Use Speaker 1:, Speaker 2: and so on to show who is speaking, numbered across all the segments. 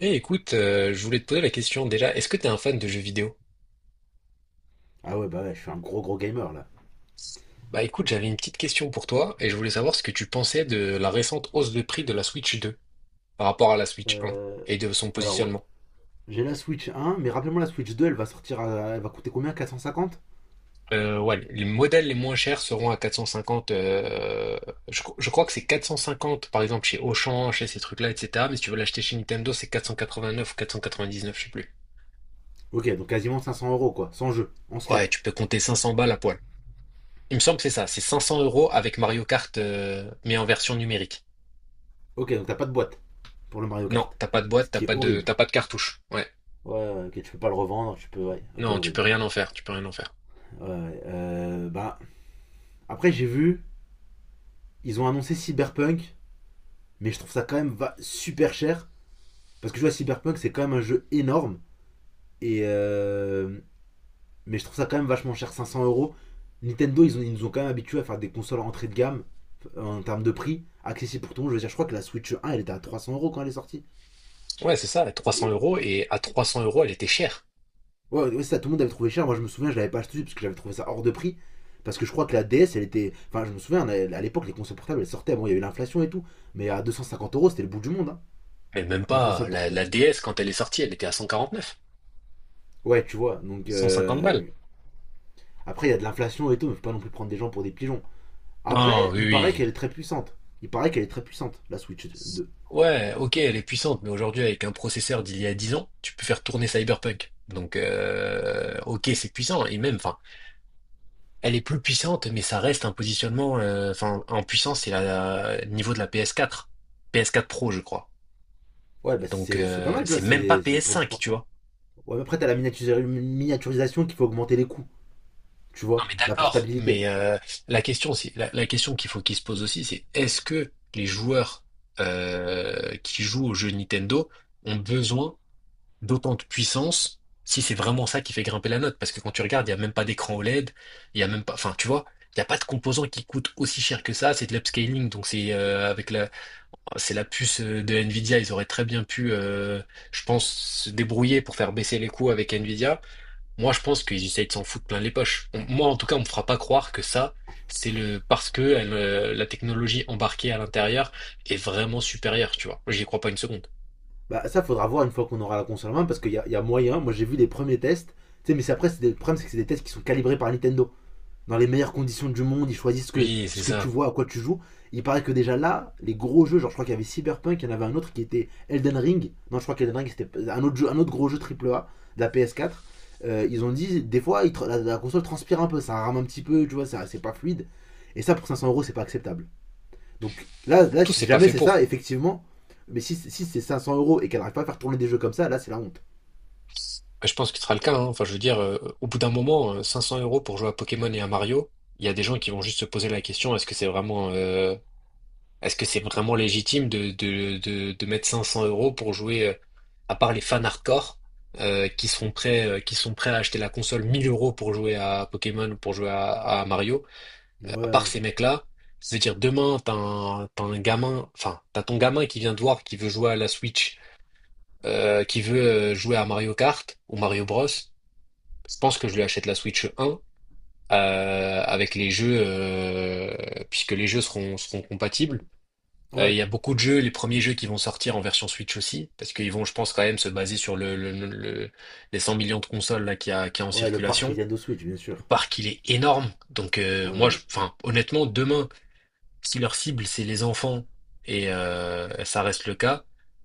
Speaker 1: Eh écoute, je voulais te poser la question déjà, est-ce que t'es un fan de jeux vidéo?
Speaker 2: Ah ouais, bah ouais, je suis un gros gros gamer là.
Speaker 1: Bah écoute, j'avais une petite question pour toi et je voulais savoir ce que tu pensais de la récente hausse de prix de la Switch 2 par rapport à la Switch 1
Speaker 2: Euh,
Speaker 1: et de son
Speaker 2: alors,
Speaker 1: positionnement.
Speaker 2: j'ai la Switch 1, mais rappelez-moi la Switch 2, elle va sortir, elle va coûter combien 450.
Speaker 1: Ouais, les modèles les moins chers seront à 450, je crois que c'est 450 par exemple chez Auchan, chez ces trucs-là, etc. Mais si tu veux l'acheter chez Nintendo, c'est 489 ou 499, je sais plus.
Speaker 2: Ok, donc quasiment 500 € quoi, sans jeu, en
Speaker 1: Ouais,
Speaker 2: slip.
Speaker 1: tu peux compter 500 balles à poil. Il me semble que c'est ça, c'est 500 € avec Mario Kart, mais en version numérique.
Speaker 2: Ok, donc t'as pas de boîte pour le Mario
Speaker 1: Non,
Speaker 2: Kart,
Speaker 1: t'as pas de
Speaker 2: ce
Speaker 1: boîte,
Speaker 2: qui est horrible.
Speaker 1: t'as pas de cartouche. Ouais.
Speaker 2: Ouais, ouais, ok, tu peux pas le revendre, tu peux, ouais, ok,
Speaker 1: Non, tu peux
Speaker 2: horrible.
Speaker 1: rien en faire, tu peux rien en faire.
Speaker 2: Ouais, ouais, bah, après j'ai vu, ils ont annoncé Cyberpunk, mais je trouve ça quand même va super cher, parce que je vois Cyberpunk, c'est quand même un jeu énorme, et euh, Mais je trouve ça quand même vachement cher, 500 euros. Nintendo, ils nous ont quand même habitués à faire des consoles entrée de gamme en termes de prix, accessible pour tout le monde. Je veux dire, je crois que la Switch 1, elle était à 300 euros quand elle est sortie.
Speaker 1: Ouais, c'est ça, 300
Speaker 2: Et-
Speaker 1: euros,
Speaker 2: et-
Speaker 1: et à 300 euros, elle était chère.
Speaker 2: Ouais, ouais, ça, tout le monde avait trouvé cher. Moi, je me souviens, je l'avais pas acheté parce que j'avais trouvé ça hors de prix. Parce que je crois que la DS, elle était. Enfin, je me souviens, à l'époque, les consoles portables, elles sortaient. Bon, il y avait l'inflation et tout. Mais à 250 euros, c'était le bout du monde, hein,
Speaker 1: Mais même
Speaker 2: une
Speaker 1: pas,
Speaker 2: console portable.
Speaker 1: la DS, quand elle est sortie, elle était à 149,
Speaker 2: Ouais, tu vois. Donc,
Speaker 1: 150 balles.
Speaker 2: après, il y a de l'inflation et tout, mais faut pas non plus prendre des gens pour des pigeons.
Speaker 1: Non,
Speaker 2: Après,
Speaker 1: oui,
Speaker 2: il paraît qu'elle
Speaker 1: oui.
Speaker 2: est très puissante. Il paraît qu'elle est très puissante, la Switch 2.
Speaker 1: Ouais, ok, elle est puissante, mais aujourd'hui, avec un processeur d'il y a 10 ans, tu peux faire tourner Cyberpunk. Donc, ok, c'est puissant, et même, enfin, elle est plus puissante, mais ça reste un positionnement, enfin, en puissance, c'est le niveau de la PS4. PS4 Pro, je crois.
Speaker 2: Ouais, bah
Speaker 1: Donc,
Speaker 2: c'est pas mal, tu
Speaker 1: c'est
Speaker 2: vois,
Speaker 1: même pas
Speaker 2: c'est pour du
Speaker 1: PS5, tu
Speaker 2: portable.
Speaker 1: vois.
Speaker 2: Ouais, mais après, t'as la miniaturisation qui fait augmenter les coûts, tu
Speaker 1: Non
Speaker 2: vois,
Speaker 1: mais
Speaker 2: la
Speaker 1: d'accord,
Speaker 2: portabilité.
Speaker 1: mais la question c'est la question qu'il faut qu'il se pose aussi, c'est est-ce que les joueurs qui jouent aux jeux Nintendo ont besoin d'autant de puissance si c'est vraiment ça qui fait grimper la note? Parce que quand tu regardes, il n'y a même pas d'écran OLED, il n'y a même pas, enfin tu vois, il n'y a pas de composant qui coûte aussi cher que ça, c'est de l'upscaling, donc c'est avec la c'est la puce de Nvidia, ils auraient très bien pu, je pense, se débrouiller pour faire baisser les coûts avec Nvidia. Moi, je pense qu'ils essayent de s'en foutre plein les poches. Moi, en tout cas, on me fera pas croire que ça, c'est le parce que elle, la technologie embarquée à l'intérieur est vraiment supérieure, tu vois. J'y crois pas une seconde.
Speaker 2: Bah, ça, faudra voir une fois qu'on aura la console en main, parce qu'il y a moyen. Moi, j'ai vu les premiers tests, tu sais, mais c'est après, le problème, c'est que c'est des tests qui sont calibrés par Nintendo. Dans les meilleures conditions du monde, ils choisissent que,
Speaker 1: Oui, c'est
Speaker 2: ce que tu
Speaker 1: ça.
Speaker 2: vois, à quoi tu joues. Il paraît que déjà là, les gros jeux, genre je crois qu'il y avait Cyberpunk, il y en avait un autre qui était Elden Ring. Non, je crois qu'Elden Ring c'était un autre, jeu, un autre gros jeu AAA de la PS4. Ils ont dit, des fois, ils la console transpire un peu, ça rame un petit peu, tu vois, c'est pas fluide. Et ça, pour 500 euros, c'est pas acceptable. Donc là, là,
Speaker 1: Tout,
Speaker 2: si
Speaker 1: c'est pas
Speaker 2: jamais
Speaker 1: fait
Speaker 2: c'est ça,
Speaker 1: pour.
Speaker 2: effectivement, mais si c'est 500 euros et qu'elle n'arrive pas à faire tourner des jeux comme ça, là, c'est la honte.
Speaker 1: Je pense que ce sera le cas, hein. Enfin, je veux dire, au bout d'un moment, 500 € pour jouer à Pokémon et à Mario, il y a des gens qui vont juste se poser la question, Est-ce que c'est vraiment légitime de mettre 500 € pour jouer, à part les fans hardcore, qui sont prêts à acheter la console 1 000 € pour jouer à Pokémon ou pour jouer à Mario, à part
Speaker 2: Ouais,
Speaker 1: ces mecs-là, je veux dire, demain, t'as ton gamin qui vient te voir, qui veut jouer à la Switch, qui veut jouer à Mario Kart ou Mario Bros. Je pense que je lui achète la Switch 1, avec les jeux, puisque les jeux seront compatibles. Il
Speaker 2: ouais,
Speaker 1: y a beaucoup de jeux, les premiers jeux qui vont sortir en version Switch aussi, parce qu'ils vont, je pense, quand même se baser sur les 100 millions de consoles là qu'il y a en
Speaker 2: ouais, le parc
Speaker 1: circulation.
Speaker 2: Nintendo Switch, bien
Speaker 1: Le
Speaker 2: sûr.
Speaker 1: parc, il est énorme. Donc
Speaker 2: Ouais,
Speaker 1: moi,
Speaker 2: ouais.
Speaker 1: enfin, honnêtement, demain, si leur cible, c'est les enfants, et ça reste le cas,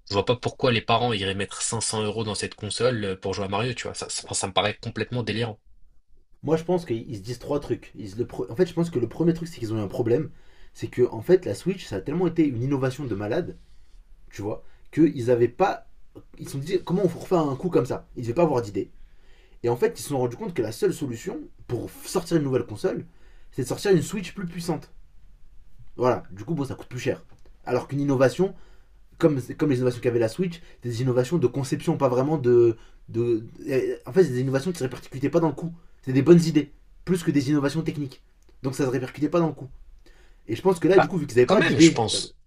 Speaker 1: je vois pas pourquoi les parents iraient mettre 500 € dans cette console pour jouer à Mario, tu vois. Ça me paraît complètement délirant.
Speaker 2: Moi, je pense qu'ils se disent trois trucs. Ils se le pre- En fait, je pense que le premier truc, c'est qu'ils ont eu un problème. C'est que, en fait, la Switch, ça a tellement été une innovation de malade, tu vois, qu'ils avaient pas. Ils se sont dit, comment on refait un coup comme ça? Ils devaient pas avoir d'idée. Et en fait, ils se sont rendus compte que la seule solution pour sortir une nouvelle console, c'est de sortir une Switch plus puissante. Voilà, du coup, bon, ça coûte plus cher. Alors qu'une innovation, comme les innovations qu'avait la Switch, des innovations de conception, pas vraiment de. En fait, c'est des innovations qui ne se répercutaient pas dans le coup. C'est des bonnes idées, plus que des innovations techniques. Donc ça ne se répercutait pas dans le coup. Et je pense que là, du
Speaker 1: Bah
Speaker 2: coup, vu qu'ils avaient
Speaker 1: quand
Speaker 2: pas
Speaker 1: même, je
Speaker 2: d'idée.
Speaker 1: pense.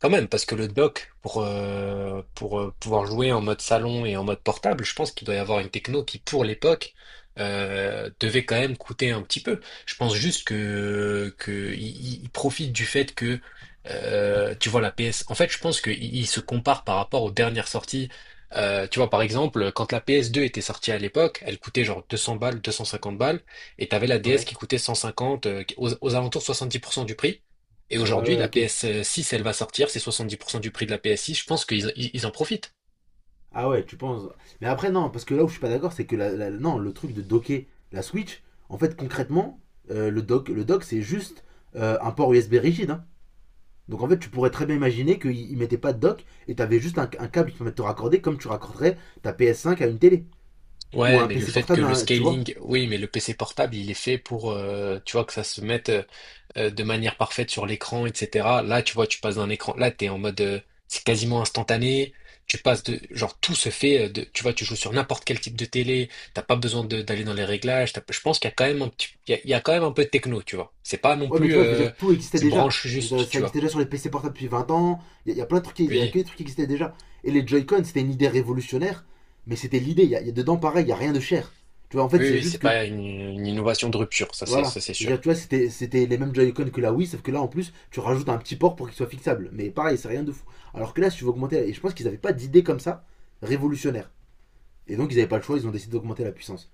Speaker 1: Quand même, parce que le dock, pour pouvoir jouer en mode salon et en mode portable, je pense qu'il doit y avoir une techno qui, pour l'époque, devait quand même coûter un petit peu. Je pense juste que il profite du fait que, tu vois, la PS. En fait, je pense qu'il il se compare par rapport aux dernières sorties. Tu vois, par exemple, quand la PS2 était sortie à l'époque, elle coûtait genre 200 balles, 250 balles, et t'avais la DS
Speaker 2: Ouais.
Speaker 1: qui coûtait 150, aux alentours de 70% du prix. Et
Speaker 2: Ouais,
Speaker 1: aujourd'hui,
Speaker 2: ouais,
Speaker 1: la
Speaker 2: ok.
Speaker 1: PS6, elle va sortir, c'est 70% du prix de la PS6, je pense qu'ils ils ils en profitent.
Speaker 2: Ah ouais, tu penses. Mais après, non, parce que là où je suis pas d'accord, c'est que non, le truc de docker la Switch, en fait, concrètement, le dock c'est juste un port USB rigide, hein. Donc en fait, tu pourrais très bien imaginer qu'ils ne mettaient pas de dock et tu avais juste un câble qui permet de te raccorder comme tu raccorderais ta PS5 à une télé ou à
Speaker 1: Ouais,
Speaker 2: un
Speaker 1: mais le
Speaker 2: PC
Speaker 1: fait que
Speaker 2: portable,
Speaker 1: le
Speaker 2: à tu vois.
Speaker 1: scaling, oui, mais le PC portable, il est fait pour, tu vois, que ça se mette de manière parfaite sur l'écran, etc. Là, tu vois, tu passes d'un écran, là, t'es en mode, c'est quasiment instantané. Tu passes de, genre, tout se fait, de, tu vois, tu joues sur n'importe quel type de télé. T'as pas besoin d'aller dans les réglages. Je pense qu'il y a quand même un petit, il y a quand même un peu de techno, tu vois. C'est pas non
Speaker 2: Ouais, mais tu
Speaker 1: plus,
Speaker 2: vois, je veux dire, tout existait
Speaker 1: tu
Speaker 2: déjà.
Speaker 1: branches
Speaker 2: Je veux
Speaker 1: juste,
Speaker 2: dire, ça
Speaker 1: tu vois.
Speaker 2: existait déjà sur les PC portables depuis 20 ans. Y a plein de trucs, il y a
Speaker 1: Oui.
Speaker 2: que des trucs qui existaient déjà. Et les Joy-Con, c'était une idée révolutionnaire, mais c'était l'idée. Y a dedans pareil, il y a rien de cher. Tu vois, en fait,
Speaker 1: Oui,
Speaker 2: c'est
Speaker 1: oui,
Speaker 2: juste
Speaker 1: c'est
Speaker 2: que.
Speaker 1: pas une innovation de rupture,
Speaker 2: Voilà.
Speaker 1: ça c'est
Speaker 2: Je veux dire,
Speaker 1: sûr.
Speaker 2: tu vois, c'était les mêmes Joy-Con que la Wii, sauf que là, en plus, tu rajoutes un petit port pour qu'il soit fixable. Mais pareil, c'est rien de fou. Alors que là, si tu veux augmenter. Et je pense qu'ils n'avaient pas d'idée comme ça révolutionnaire. Et donc, ils n'avaient pas le choix, ils ont décidé d'augmenter la puissance.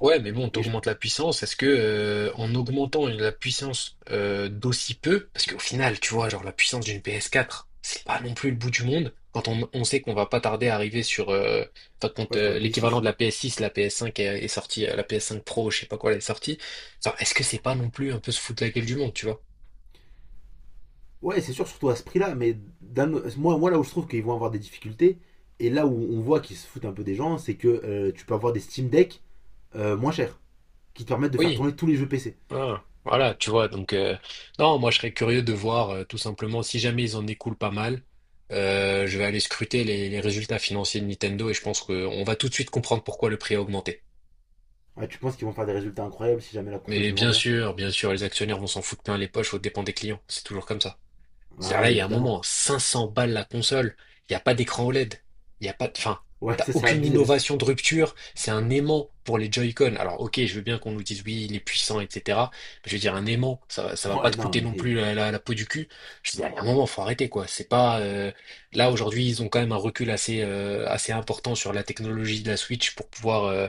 Speaker 1: Ouais, mais bon,
Speaker 2: Et je,
Speaker 1: t'augmentes la puissance. Est-ce que en augmentant la puissance d'aussi peu, parce qu'au final, tu vois, genre la puissance d'une PS4, c'est pas non plus le bout du monde. Quand on sait qu'on va pas tarder à arriver sur, enfin, quand
Speaker 2: ouais, je te la paye
Speaker 1: l'équivalent
Speaker 2: 6.
Speaker 1: de la PS6, la PS5 est sortie, la PS5 Pro, je sais pas quoi, elle est sortie. Genre, est-ce que c'est pas non plus un peu se foutre la gueule du monde, tu vois?
Speaker 2: Ouais, c'est sûr, surtout à ce prix-là, mais moi, là où je trouve qu'ils vont avoir des difficultés, et là où on voit qu'ils se foutent un peu des gens, c'est que tu peux avoir des Steam Deck moins chers, qui te permettent de faire
Speaker 1: Oui.
Speaker 2: tourner tous les jeux PC.
Speaker 1: Ah, voilà, tu vois, donc non, moi je serais curieux de voir tout simplement si jamais ils en écoulent pas mal, je vais aller scruter les résultats financiers de Nintendo et je pense qu'on va tout de suite comprendre pourquoi le prix a augmenté.
Speaker 2: Ouais, tu penses qu'ils vont faire des résultats incroyables si jamais la console
Speaker 1: Mais
Speaker 2: se vend bien?
Speaker 1: bien sûr, les actionnaires vont s'en foutre plein les poches aux dépens des clients, c'est toujours comme ça.
Speaker 2: Ah
Speaker 1: C'est-à-dire là,
Speaker 2: ouais,
Speaker 1: il y a un
Speaker 2: évidemment.
Speaker 1: moment, 500 balles la console, il n'y a pas d'écran OLED, il n'y a pas de. Enfin,
Speaker 2: Ouais,
Speaker 1: t'as
Speaker 2: ça c'est
Speaker 1: aucune
Speaker 2: abusé, mais.
Speaker 1: innovation de rupture, c'est un aimant pour les Joy-Con. Alors ok, je veux bien qu'on nous dise oui, il est puissant, etc. Mais je veux dire, un aimant, ça, ça va pas
Speaker 2: Ouais,
Speaker 1: te
Speaker 2: non,
Speaker 1: coûter non
Speaker 2: mais.
Speaker 1: plus la peau du cul. Je veux dire, il y a un moment, faut arrêter, quoi. C'est pas. Là, aujourd'hui, ils ont quand même un recul assez important sur la technologie de la Switch pour pouvoir... euh,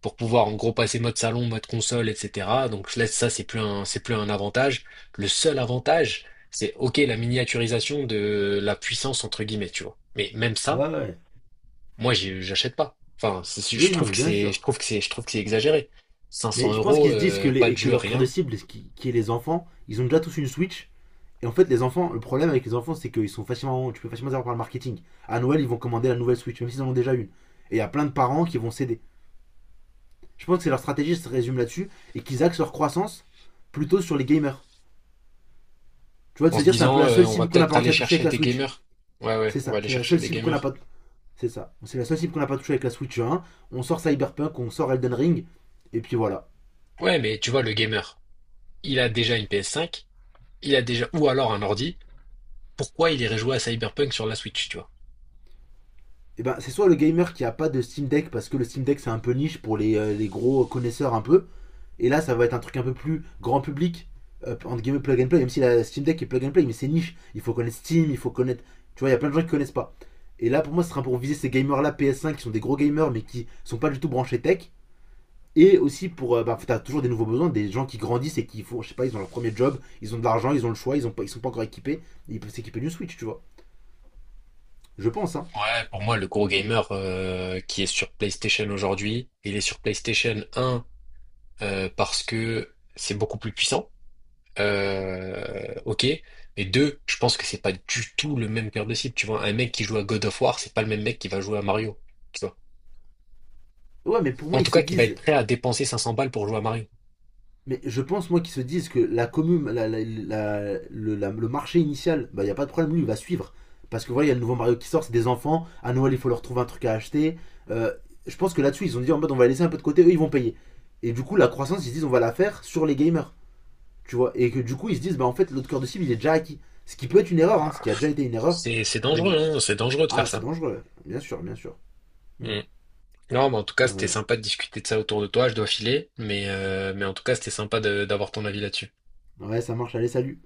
Speaker 1: pour pouvoir en gros passer mode salon, mode console, etc. Donc là, ça, c'est plus un avantage. Le seul avantage, c'est OK la miniaturisation de la puissance entre guillemets, tu vois. Mais même ça,
Speaker 2: Ouais, ouais.
Speaker 1: moi j'achète pas. Enfin, je
Speaker 2: Oui, non,
Speaker 1: trouve
Speaker 2: mais bien sûr.
Speaker 1: je trouve que c'est exagéré. Cinq cents
Speaker 2: Mais je pense
Speaker 1: euros,
Speaker 2: qu'ils se disent que, les,
Speaker 1: pas de
Speaker 2: et que
Speaker 1: jeu,
Speaker 2: leur cœur de
Speaker 1: rien.
Speaker 2: cible, qui est les enfants, ils ont déjà tous une Switch. Et en fait, les enfants, le problème avec les enfants, c'est qu'ils sont facilement, tu peux facilement les avoir par le marketing. À Noël, ils vont commander la nouvelle Switch, même s'ils en ont déjà une. Et il y a plein de parents qui vont céder. Je pense que c'est leur stratégie se résume là-dessus et qu'ils axent leur croissance plutôt sur les gamers. Tu vois, de
Speaker 1: En
Speaker 2: se
Speaker 1: se
Speaker 2: dire, c'est un peu
Speaker 1: disant,
Speaker 2: la seule
Speaker 1: on va
Speaker 2: cible qu'on n'a pas
Speaker 1: peut-être
Speaker 2: réussi
Speaker 1: aller
Speaker 2: à toucher
Speaker 1: chercher
Speaker 2: avec la
Speaker 1: des
Speaker 2: Switch.
Speaker 1: gamers. Ouais, ouais,
Speaker 2: C'est
Speaker 1: on va
Speaker 2: ça,
Speaker 1: aller
Speaker 2: c'est la
Speaker 1: chercher
Speaker 2: seule
Speaker 1: des
Speaker 2: cible qu'on n'a
Speaker 1: gamers.
Speaker 2: pas. C'est ça, c'est la seule cible qu'on n'a pas touché avec la Switch 1. On sort Cyberpunk, on sort Elden Ring, et puis voilà.
Speaker 1: Ouais, mais tu vois, le gamer, il a déjà une PS5 ou alors un ordi. Pourquoi il irait jouer à Cyberpunk sur la Switch, tu vois?
Speaker 2: Et ben, c'est soit le gamer qui a pas de Steam Deck parce que le Steam Deck c'est un peu niche pour les gros connaisseurs un peu. Et là, ça va être un truc un peu plus grand public, entre guillemets plug and play, même si la Steam Deck est plug and play, mais c'est niche. Il faut connaître Steam, il faut connaître. Tu vois, il y a plein de gens qui connaissent pas. Et là, pour moi, ce sera pour viser ces gamers-là PS5 qui sont des gros gamers mais qui sont pas du tout branchés tech. Et aussi pour. Bah, t'as toujours des nouveaux besoins, des gens qui grandissent et qui font. Je sais pas, ils ont leur premier job, ils ont de l'argent, ils ont le choix, ils sont pas encore équipés. Ils peuvent s'équiper d'une Switch, tu vois. Je pense, hein.
Speaker 1: Ouais, pour moi, le gros gamer qui est sur PlayStation aujourd'hui, il est sur PlayStation un parce que c'est beaucoup plus puissant. Ok. Et deux, je pense que c'est pas du tout le même cœur de cible. Tu vois, un mec qui joue à God of War, c'est pas le même mec qui va jouer à Mario. Tu vois.
Speaker 2: Ouais, mais pour moi,
Speaker 1: En
Speaker 2: ils
Speaker 1: tout
Speaker 2: se
Speaker 1: cas, qui va être
Speaker 2: disent.
Speaker 1: prêt à dépenser 500 balles pour jouer à Mario.
Speaker 2: Mais je pense, moi, qu'ils se disent que la commune, la- la- la- le marché initial, bah, il n'y a pas de problème, lui, il va suivre. Parce que voilà, il y a le nouveau Mario qui sort, c'est des enfants. À Noël, il faut leur trouver un truc à acheter. Euh, je pense que là-dessus, ils ont dit en mode, on va laisser un peu de côté, eux, ils vont payer. Et du coup, la croissance, ils se disent, on va la faire sur les gamers. Tu vois. Et que du coup, ils se disent, bah en fait, l'autre cœur de cible, il est déjà acquis. Ce qui peut être une erreur, hein, ce
Speaker 1: Bah,
Speaker 2: qui a déjà été une erreur.
Speaker 1: c'est dangereux,
Speaker 2: On.
Speaker 1: hein. C'est dangereux de faire
Speaker 2: Ah, c'est
Speaker 1: ça.
Speaker 2: dangereux, bien sûr, bien sûr. Hmm.
Speaker 1: Mm. Non, mais en tout cas, c'était
Speaker 2: Ouais.
Speaker 1: sympa de discuter de ça autour de toi. Je dois filer, mais en tout cas, c'était sympa d'avoir ton avis là-dessus.
Speaker 2: Ouais, ça marche, allez, salut.